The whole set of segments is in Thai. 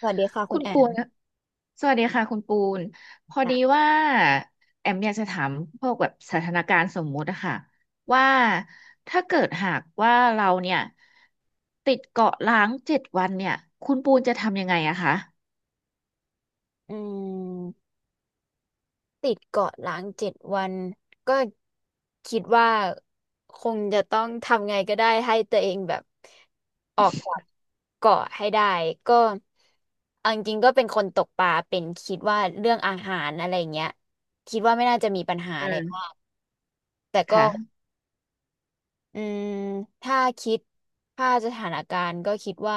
สวัสดีค่ะคุคุณณแอปูมนนะสวัสดีค่ะคุณปูน พอดีค่ะว่าแอมอยากจะถามพวกแบบสถานการณ์สมมุติอะค่ะว่าถ้าเกิดหากว่าเราเนี่ยติดเกาะล้างเจ็ดวันเนี่ยคุณปูนจะทำยังไงอะคะอืมติดเกาะล้างเจ็ดวัน ก็คิดว่าคงจะต้องทำไงก็ได้ให้ตัวเองแบบออกจากเกาะให้ได้ ก็เอาจริงๆก็เป็นคนตกปลาเป็นคิดว่าเรื่องอาหารอะไรเงี้ยคิดว่าไม่น่าจะมีปัญหาอือะไรมากมแต่ก็ค่ะอืมถ้าคิดถ้าสถานการณ์ก็คิดว่า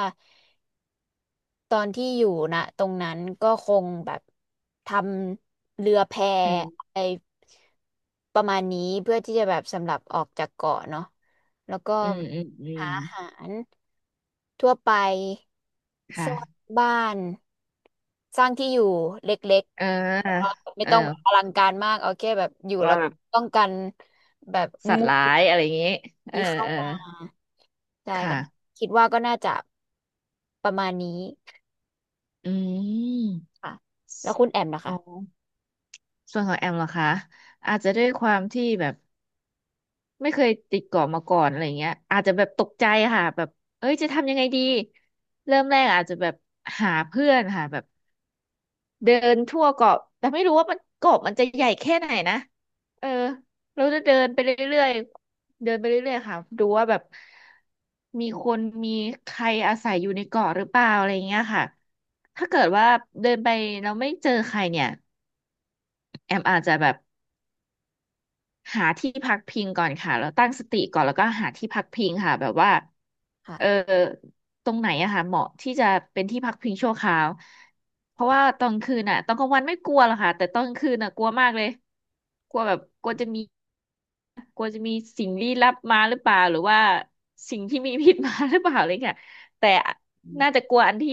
ตอนที่อยู่นะตรงนั้นก็คงแบบทำเรือแพอืมไอประมาณนี้เพื่อที่จะแบบสำหรับออกจากเกาะเนาะแล้วก็อืมอืมอืมหาอาหารทั่วไปคสร้าง่ะบ้านสร้างที่อยู่เล็กเออๆแต่ว่าไม่เออต้องแบบอลังการมากเอาแค่แบบอยู่แล้ว่าวก็แบบป้องกันแบบสัตงูว์ร้ายอะไรอย่างงี้เออที่เข้าเออมาใช่ค่ะค่ะคิดว่าก็น่าจะประมาณนี้ อืมค่ะแล้วคุณแอมนะอ๋อคะส่วนของแอมเหรอคะอาจจะด้วยความที่แบบ ไม่เคยติดเกาะมาก่อนอะไรเงี้ยอาจจะแบบตกใจค่ะแบบเอ้ยจะทำยังไงดีเริ่มแรกอาจจะแบบหาเพื่อนค่ะแบบเดินทั่วเกาะแต่ไม่รู้ว่ามันเกาะมันจะใหญ่แค่ไหนนะเออเราจะเดินไปเรื่อยๆเดินไปเรื่อยๆค่ะดูว่าแบบมีคนมีใครอาศัยอยู่ในเกาะหรือเปล่าอะไรเงี้ยค่ะถ้าเกิดว่าเดินไปเราไม่เจอใครเนี่ยแอมอาจจะแบบ หาที่พักพิงก่อนค่ะแล้วตั้งสติก่อนแล้วก็หาที่พักพิงค่ะแบบว่าเออค่ะตรงไหนอะค่ะเหมาะที่จะเป็นที่พักพิงชั่วคราวเพราะว่าตอนคืนอะตอนกลางวันไม่กลัวหรอกค่ะแต่ตอนคืนอะกลัวมากเลยกลัวแบบกลัวจะมีกลัวจะมีสิ่งลี้ลับมาหรือเปล่าหรือว่าสิ่งที่มีพิษมาหรือเปล่าอะไรเงี้ยแต่อืน่ามจะกลัวอันที่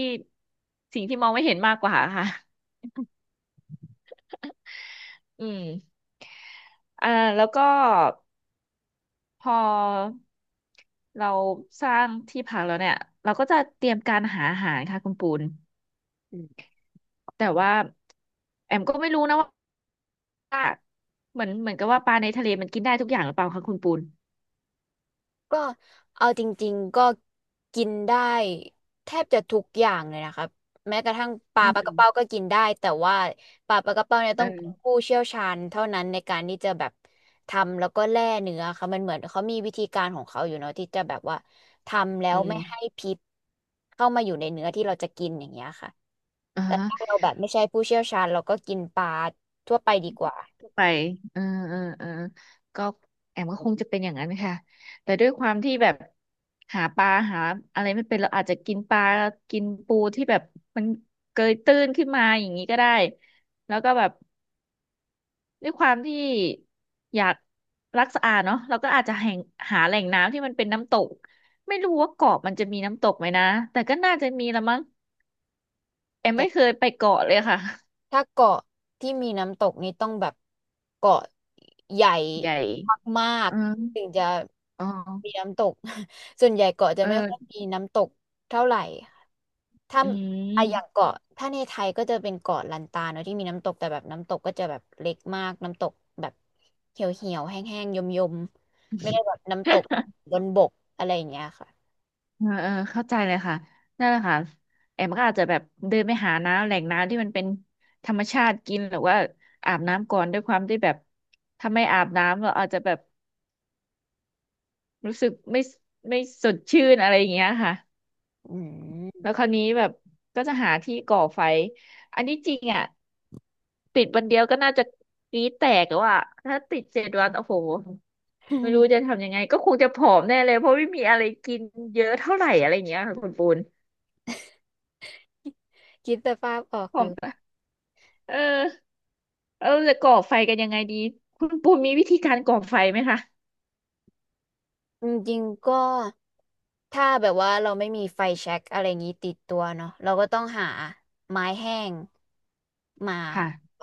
สิ่งที่มองไม่เห็นมากกว่าค่ะอืมอ่าแล้วก็ พอเราสร้างที่พักแล้วเนี่ยเราก็จะเตรียมการหาอาหารค่ะคุณปูนอืมแต่ว่าแอมก็ไม่รู้นะว่าเหมือนกับว่าปลาในทะเลมันกินได้ทุกอย่างหรือเปล่าคะคุณปูนก็เอาจริงๆก็กินได้แทบจะทุกอย่างเลยนะคะแม้กระทั่งปลาอืปลากมระเป้าก็กินได้แต่ว่าปลากระเป้าเนี่ยเอต้องเป็นอผู้เชี่ยวชาญเท่านั้นในการที่จะแบบทำแล้วก็แล่เนื้อค่ะมันเหมือนเขามีวิธีการของเขาอยู่เนาะที่จะแบบว่าทำแล้อืวไม่ให้มพิษเข้ามาอยู่ในเนื้อที่เราจะกินอย่างเงี้ยค่ะอ่าแต่ฮะถ้าเราแบบไม่ใช่ผู้เชี่ยวชาญเราก็กินปลาทั่วไปดีกว่า ก็ไปเออเออเออก็แอมก็คงจะเป็นอย่างนั้นค่ะแต่ด้วยความที่แบบหาปลาหาอะไรไม่เป็นเราอาจจะกินปลากินปูที่แบบมันเกยตื้นขึ้นมาอย่างนี้ก็ได้แล้วก็แบบ ด้วยความที่อยากรักสะอาดเนาะเราก็อาจจะแห่งหาแหล่งน้ำที่มันเป็นน้ำตกไม่รู้ว่าเกาะมันจะมีน้ำตกไหมนะแต่ก็น่าจะมีละมั้งแอมไม่เคยไปเกาะเลยค่ะถ้าเกาะที่มีน้ำตกนี่ต้องแบบเกาะใหญ่ใหญ่มากอืมๆถึงจะอ๋อมีน้ำตก ส่วนใหญ่เกาะจะเอไม่ค่อยอมีน้ำตกเท่าไหร่ค่ะถ้าอือะอย่างม เกาะถ้าในไทยก็จะเป็นเกาะลันตาเนอะที่มีน้ำตกแต่แบบน้ำตกก็จะแบบเล็กมากน้ำตกแบบเหี่ยวเหี่ยวแห้งๆยมยมๆไม่ได้แบบน้ำตก บนบกอะไรอย่างเงี้ยค่ะเออเออเข้าใจเลยค่ะนั่นแหละค่ะแอมก็อาจจะแบบเดินไปหาน้ำแหล่งน้ำที่มันเป็นธรรมชาติกินหรือว่าอาบน้ำก่อนด้วยความที่แบบถ้าไม่อาบน้ำเราอาจจะแบบรู้สึกไม่สดชื่นอะไรอย่างเงี้ยค่ะ อืม แล้วคราวนี้แบบก็จะหาที่ก่อไฟ อันนี้จริงอ่ะติดวันเดียวก็น่าจะกรี๊ดแตกแล้วอ่ะถ้าติดเจ็ดวันโอ้โหไม่รู้จะทำยังไงก็คงจะผอมแน่เลยเพราะไม่มีอะไรกินเยอะเท่าไหร่อะไรอย่างเงี้ยค่ะคุณปูน คิดสภาพออกผออมยู่ ปะเออเออจะก่อไฟกันยังไงดีคุณปูนมีวิธีการก่อไฟไหมคะจริงๆก็ถ้าแบบว่าเราไม่มีไฟแช็กอะไรอย่างนี้ติดตัวเนาะเราก็ต้องหาไม้แห้งมาค่ะ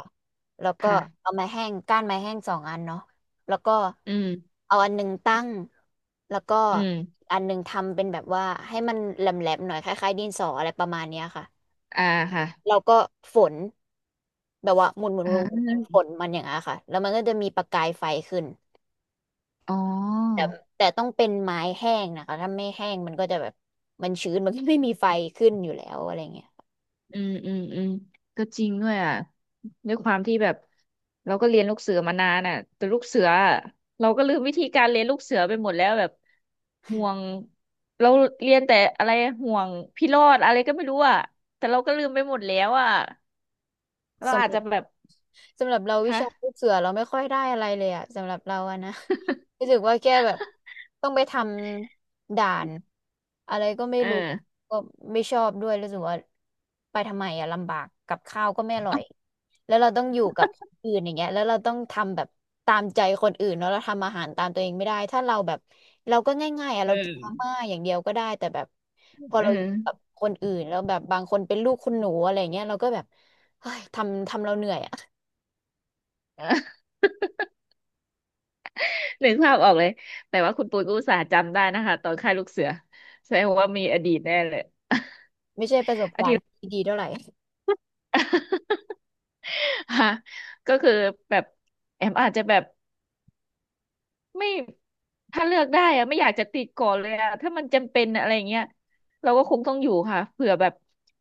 แล้วก็เอาค่ะไม้แห้งก้านไม้แห้งสองอันเนาะแล้วก็อืมเอาอันหนึ่งตั้งแล้วก็อือีมกอันหนึ่งทำเป็นแบบว่าให้มันแหลมๆหน่อยคล้ายๆดินสออะไรประมาณเนี้ยค่ะอ่าค่ะเราก็ฝนแบบว่าหมุนหมุนอ่หมุนหมุนฝานมันอย่างเงี้ยค่ะแล้วมันก็จะมีประกายไฟขึ้น อ๋แต่อ แต่ต้องเป็นไม้แห้งนะคะถ้าไม่แห้งมันก็จะแบบมันชื้นมันก็ไม่มีไฟขึ้นอยู่แล้วอะไรเงี้ยอืมอืมอืมก็จริงด้วยอ่ะด้วยความที่แบบเราก็เรียนลูกเสือมานานอ่ะแต่ลูกเสืออะเราก็ลืมวิธีการเรียนลูกเสือไปหมดแล้วแบบห่วงเราเรียนแต่อะไรห่วงพี่รอดอะไรก็ไม่รู้อ่ะแต่เราก็ลืมไปหมดแล้วอ่ะเราสำอาหจรัจะบแบบสำหรับเราวิคะชาลูกเสือเราไม่ค่อยได้อะไรเลยอะสำหรับเราอะนะ รู้สึกว่าแกแบบต้องไปทำด่านอะไรก็ไม่เออรู้ก็ไม่ชอบด้วยรู้สึกว่าไปทำไมอะลำบากกับข้าวก็ไม่อร่อยแล้วเราต้องอยู่กับคนอื่นอย่างเงี้ยแล้วเราต้องทำแบบตามใจคนอื่นเนาะเราทำอาหารตามตัวเองไม่ได้ถ้าเราแบบเราก็ง่ายๆอะเอเรากินอมาม่าอย่างเดียวก็ได้แต่แบบพอเอเราอยู่อ กับคนอื่นแล้วแบบบางคนเป็นลูกคุณหนูอะไรเงี้ยเราก็แบบเฮ้ยทำเราเหนื่อยอะ นึกภาพออกเลยแต่ว่าคุณปูนก็อุตส่าห์จำได้นะคะตอนค่ายลูกเสือแสดงว่ามีอดีตแน่เลย ไม่ใช่ประสบการณ์ที่ดีเท่าไหร่ ฮะก็คือแบบแอมอาจจะแบบไม่ถ้าเลือกได้อะไม่อยากจะติดก่อนเลยอะถ้ามันจำเป็นอะไรอย่างเงี้ยเราก็คงต้องอยู่ค่ะเผื่อแบบ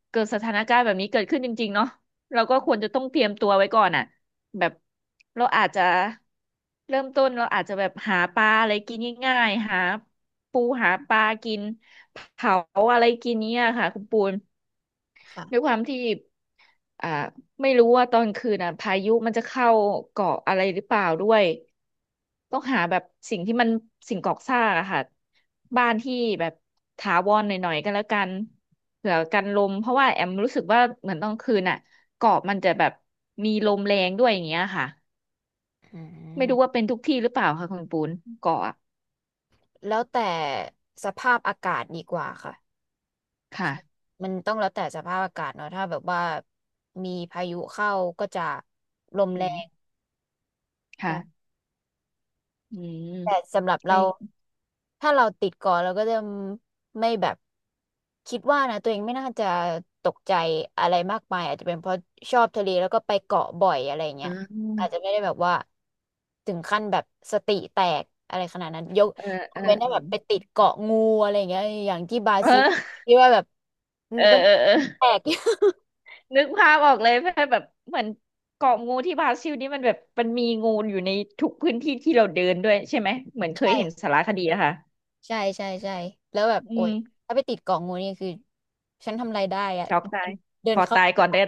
เกิดสถานการณ์แบบนี้เกิดขึ้นจริงๆเนาะเราก็ควรจะต้องเตรียมตัวไว้ก่อนอะแบบเราอาจจะเริ่มต้นเราอาจจะแบบหาปลาอะไรกินง่ายๆหาปูหาปลากินเผาอะไรกินเนี้ยค่ะคุณปูน ด้วยค่ะความที่อ่าไม่รู้ว่าตอนคืนอ่ะพายุมันจะเข้าเกาะอะไรหรือเปล่าด้วยต้องหาแบบสิ่งที่มันสิ่งก่อสร้างอะค่ะบ้านที่แบบถาวรหน่อยๆก็แล้วกันเผื่อกันลมเพราะว่าแอมรู้สึกว่าเหมือนตอนคืนอ่ะเกาะมันจะแบบมีลมแรงด้วยอย่างเงี้ยค่ะอืไม่รู้ว่าม เป็นทุกที่หรือเปล่าค่ะคุณปูนเกาะอะแล้วแต่สภาพอากาศดีกว่าค่ะ ค่ะมันต้องแล้วแต่สภาพอากาศเนาะถ้าแบบว่ามีพายุเข้าก็จะลมอืแรมงใช่ ค่ะอืมแต่สำหรับก็เราถ้าเราติดก่อนเราก็จะไม่แบบคิดว่านะตัวเองไม่น่าจะตกใจอะไรมากมายอาจจะเป็นเพราะชอบทะเลแล้วก็ไปเกาะบ่อยอะไรเงี้ยอาจจะไม่ได้แบบว่าถึงขั้นแบบสติแตกอะไรขนาดนั้นยกอ่ายเอกอเว้นถ้าเอแบอบไปติดเกาะงูอะไรเงี้ยอย่างที่บราซิลเออที่ว่าแบบเออก็เออเออ แตก นึกภาพออกเลยแบบเหมือนเกาะงูที่บราซิลนี่มันแบบมันมีงูอยู่ในทุกพื้นที่ที่เราเดินด้วยใช่ไหมเหมือน เคยใช่เห็นสารคดีนะคะใช่ใช่ใช่แล้วแบบอืโอ๊ยมถ้าไปติดเกาะงูนี่คือฉันทำอะไรได้อะช็อกตายเดิขนอเข้า ตายก่อนได้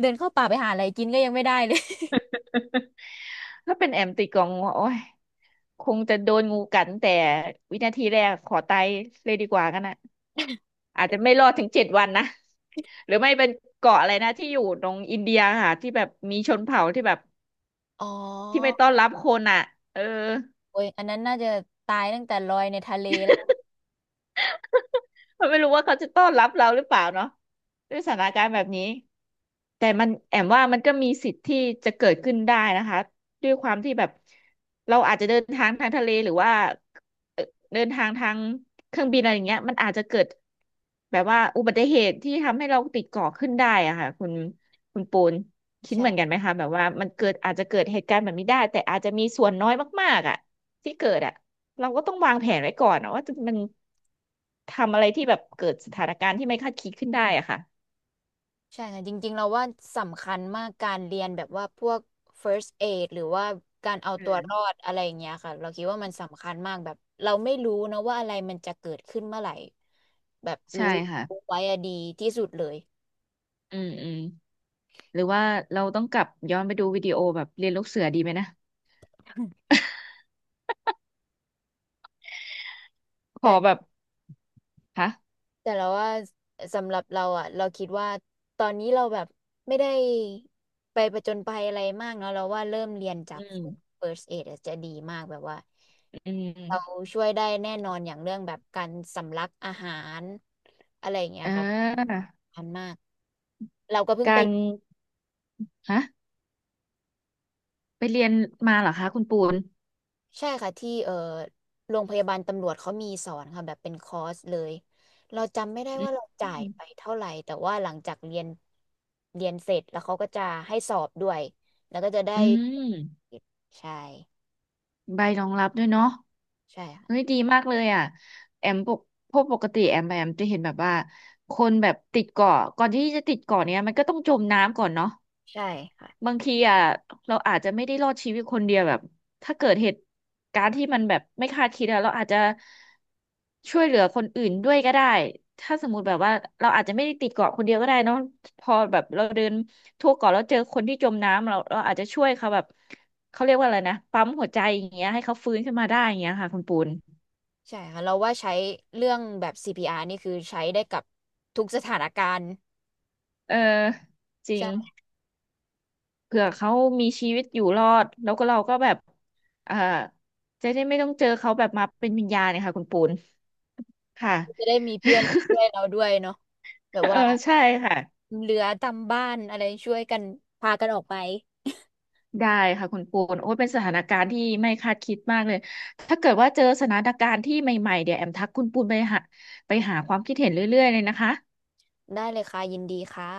เดินเข้าป่าไปหาอะไรกินก็ยังไม่ได้เลย ถ้าเป็นแอมติดกองงูโอ้ยคงจะโดนงูกัดแต่วินาทีแรกขอตายเลยดีกว่ากันนะ อาจจะไม่รอดถึง7 วันนะหรือไม่เป็นเกาะอะไรนะที่อยู่ตรงอินเดียค่ะที่แบบมีชนเผ่าที่แบบอ๋อที่ไม่ต้อนรับคนอ่ะเออ โอ้ยอันนั้นน่าจะตายตั้งแต่ลอยในทะเลแล้วนะ เขาไม่รู้ว่าเขาจะต้อนรับเราหรือเปล่าเนาะด้วยสถานการณ์แบบนี้ แต่มันแอมว่ามันก็มีสิทธิ์ที่จะเกิดขึ้นได้นะคะด้วยความที่แบบเราอาจจะเดินทางทางทะเลหรือว่าเอ่อเดินทางทางเครื่องบินอะไรอย่างเงี้ยมันอาจจะเกิดแบบว่าอุบัติเหตุที่ทำให้เราติดเกาะขึ้นได้อะค่ะคุณปูนคิดเหมือนกัใช่นไหมคะแบบว่ามันเกิดอาจจะเกิดเหตุการณ์แบบนี้ได้แต่อาจจะมีส่วนน้อยมากๆอะที่เกิดอะเราก็ต้องวางแผนไว้ก่อนอะว่าจะมันทำอะไรที่แบบเกิดสถานการณ์ที่ไม่คาดคิดขึ้นได้อะค่ะใช่ค่ะจริงๆ เราว่าสำคัญมากการเรียนแบบว่าพวก first aid หรือว่าการเอาอืตัวรอดมอะไรอย่างเงี้ยค่ะ เราคิดว่ามันสำคัญมากแบบเราไม่รู้นะว่าอะไรมันจะเกิดขึ้นเมื่อไหร่แบบใช่รู้ค่ะ ไว้อะดีที่สุดเลยอืมอืมหรือว่าเราต้องกลับย้อนไปดูวิดีโอแบบเรียนลูกเสือดีไหมนะพอแต่ แบบฮะแต่เราว่าสำหรับเราอ่ะเราคิดว่าตอนนี้เราแบบไม่ได้ไปประจนภัยอะไรมากเนาะเราว่าเริ่มเรียนจาอืก ม first aid อะจะดีมากแบบว่าอืเรามช่วยได้แน่นอนอย่างเรื่องแบบการสำลักอาหารอะไรอย่างเงี้ยอ่ครับาอันมากเราก็เพิ่งกาไป รฮะไปเรียนมาเหรอคะคุณปูนใช่ค่ะที่โรงพยาบาลตำรวจเขามีสอนค่ะแบบเป็นคอร์สเลยเราจำไม่ได้อืว่ามเราจ่ายไปเท่าไหร่แต่ว่าหลังจากเรียนเสร็จแล้วเขาก็จะให้สอบด้วยแล้วก็จะได้อืมใช่ใบรองรับด้วยเนาะใช่ค่ะเฮ้ยดีมากเลยอ่ะแอมปกพวกปกติแอมไปแอมจะเห็นแบบว่าคนแบบติดเกาะก่อนที่จะติดเกาะเนี้ยมันก็ต้องจมน้ำก่อนเนาะ ใช่ค่ะบางทีอ่ะเราอาจจะไม่ได้รอดชีวิตคนเดียวแบบถ้าเกิดเหตุการณ์ที่มันแบบไม่คาดคิดอะเราอาจจะช่วยเหลือคนอื่นด้วยก็ได้ถ้าสมมุติแบบว่าเราอาจจะไม่ได้ติดเกาะคนเดียวก็ได้เนอะพอแบบเราเดินทั่วเกาะแล้วเจอคนที่จมน้ำเราอาจจะช่วยเขาแบบเขาเรียกว่าอะไรนะปั๊มหัวใจอย่างเงี้ยให้เขาฟื้นขึ้นมาได้อย่างเงี้ยค่ะคุณปูนใช่ค่ะเราว่าใช้เรื่องแบบ CPR นี่คือใช้ได้กับทุกสถานการณ์เออจริงใช่เผื่อเขามีชีวิตอยู่รอดแล้วก็เราก็แบบเอ่อจะได้ไม่ต้องเจอเขาแบบมาเป็นวิญญาณเนี่ยค่ะคุณปูน ค่ะจะได้มีเพื่อนช่วยเราด้วยเนาะแบบเออว่าใช่ค่ะ เหลือตามบ้านอะไรช่วยกันพากันออกไปได้ค่ะคุณปูนโอ้ยเป็นสถานการณ์ที่ไม่คาดคิดมากเลย ถ้าเกิดว่าเจอสถานการณ์ที่ใหม่ๆ เดี๋ยวแอมทักคุณปูนไปหาความคิดเห็นเรื่อยๆเลยนะคะได้เลยค่ะยินดีค่ะ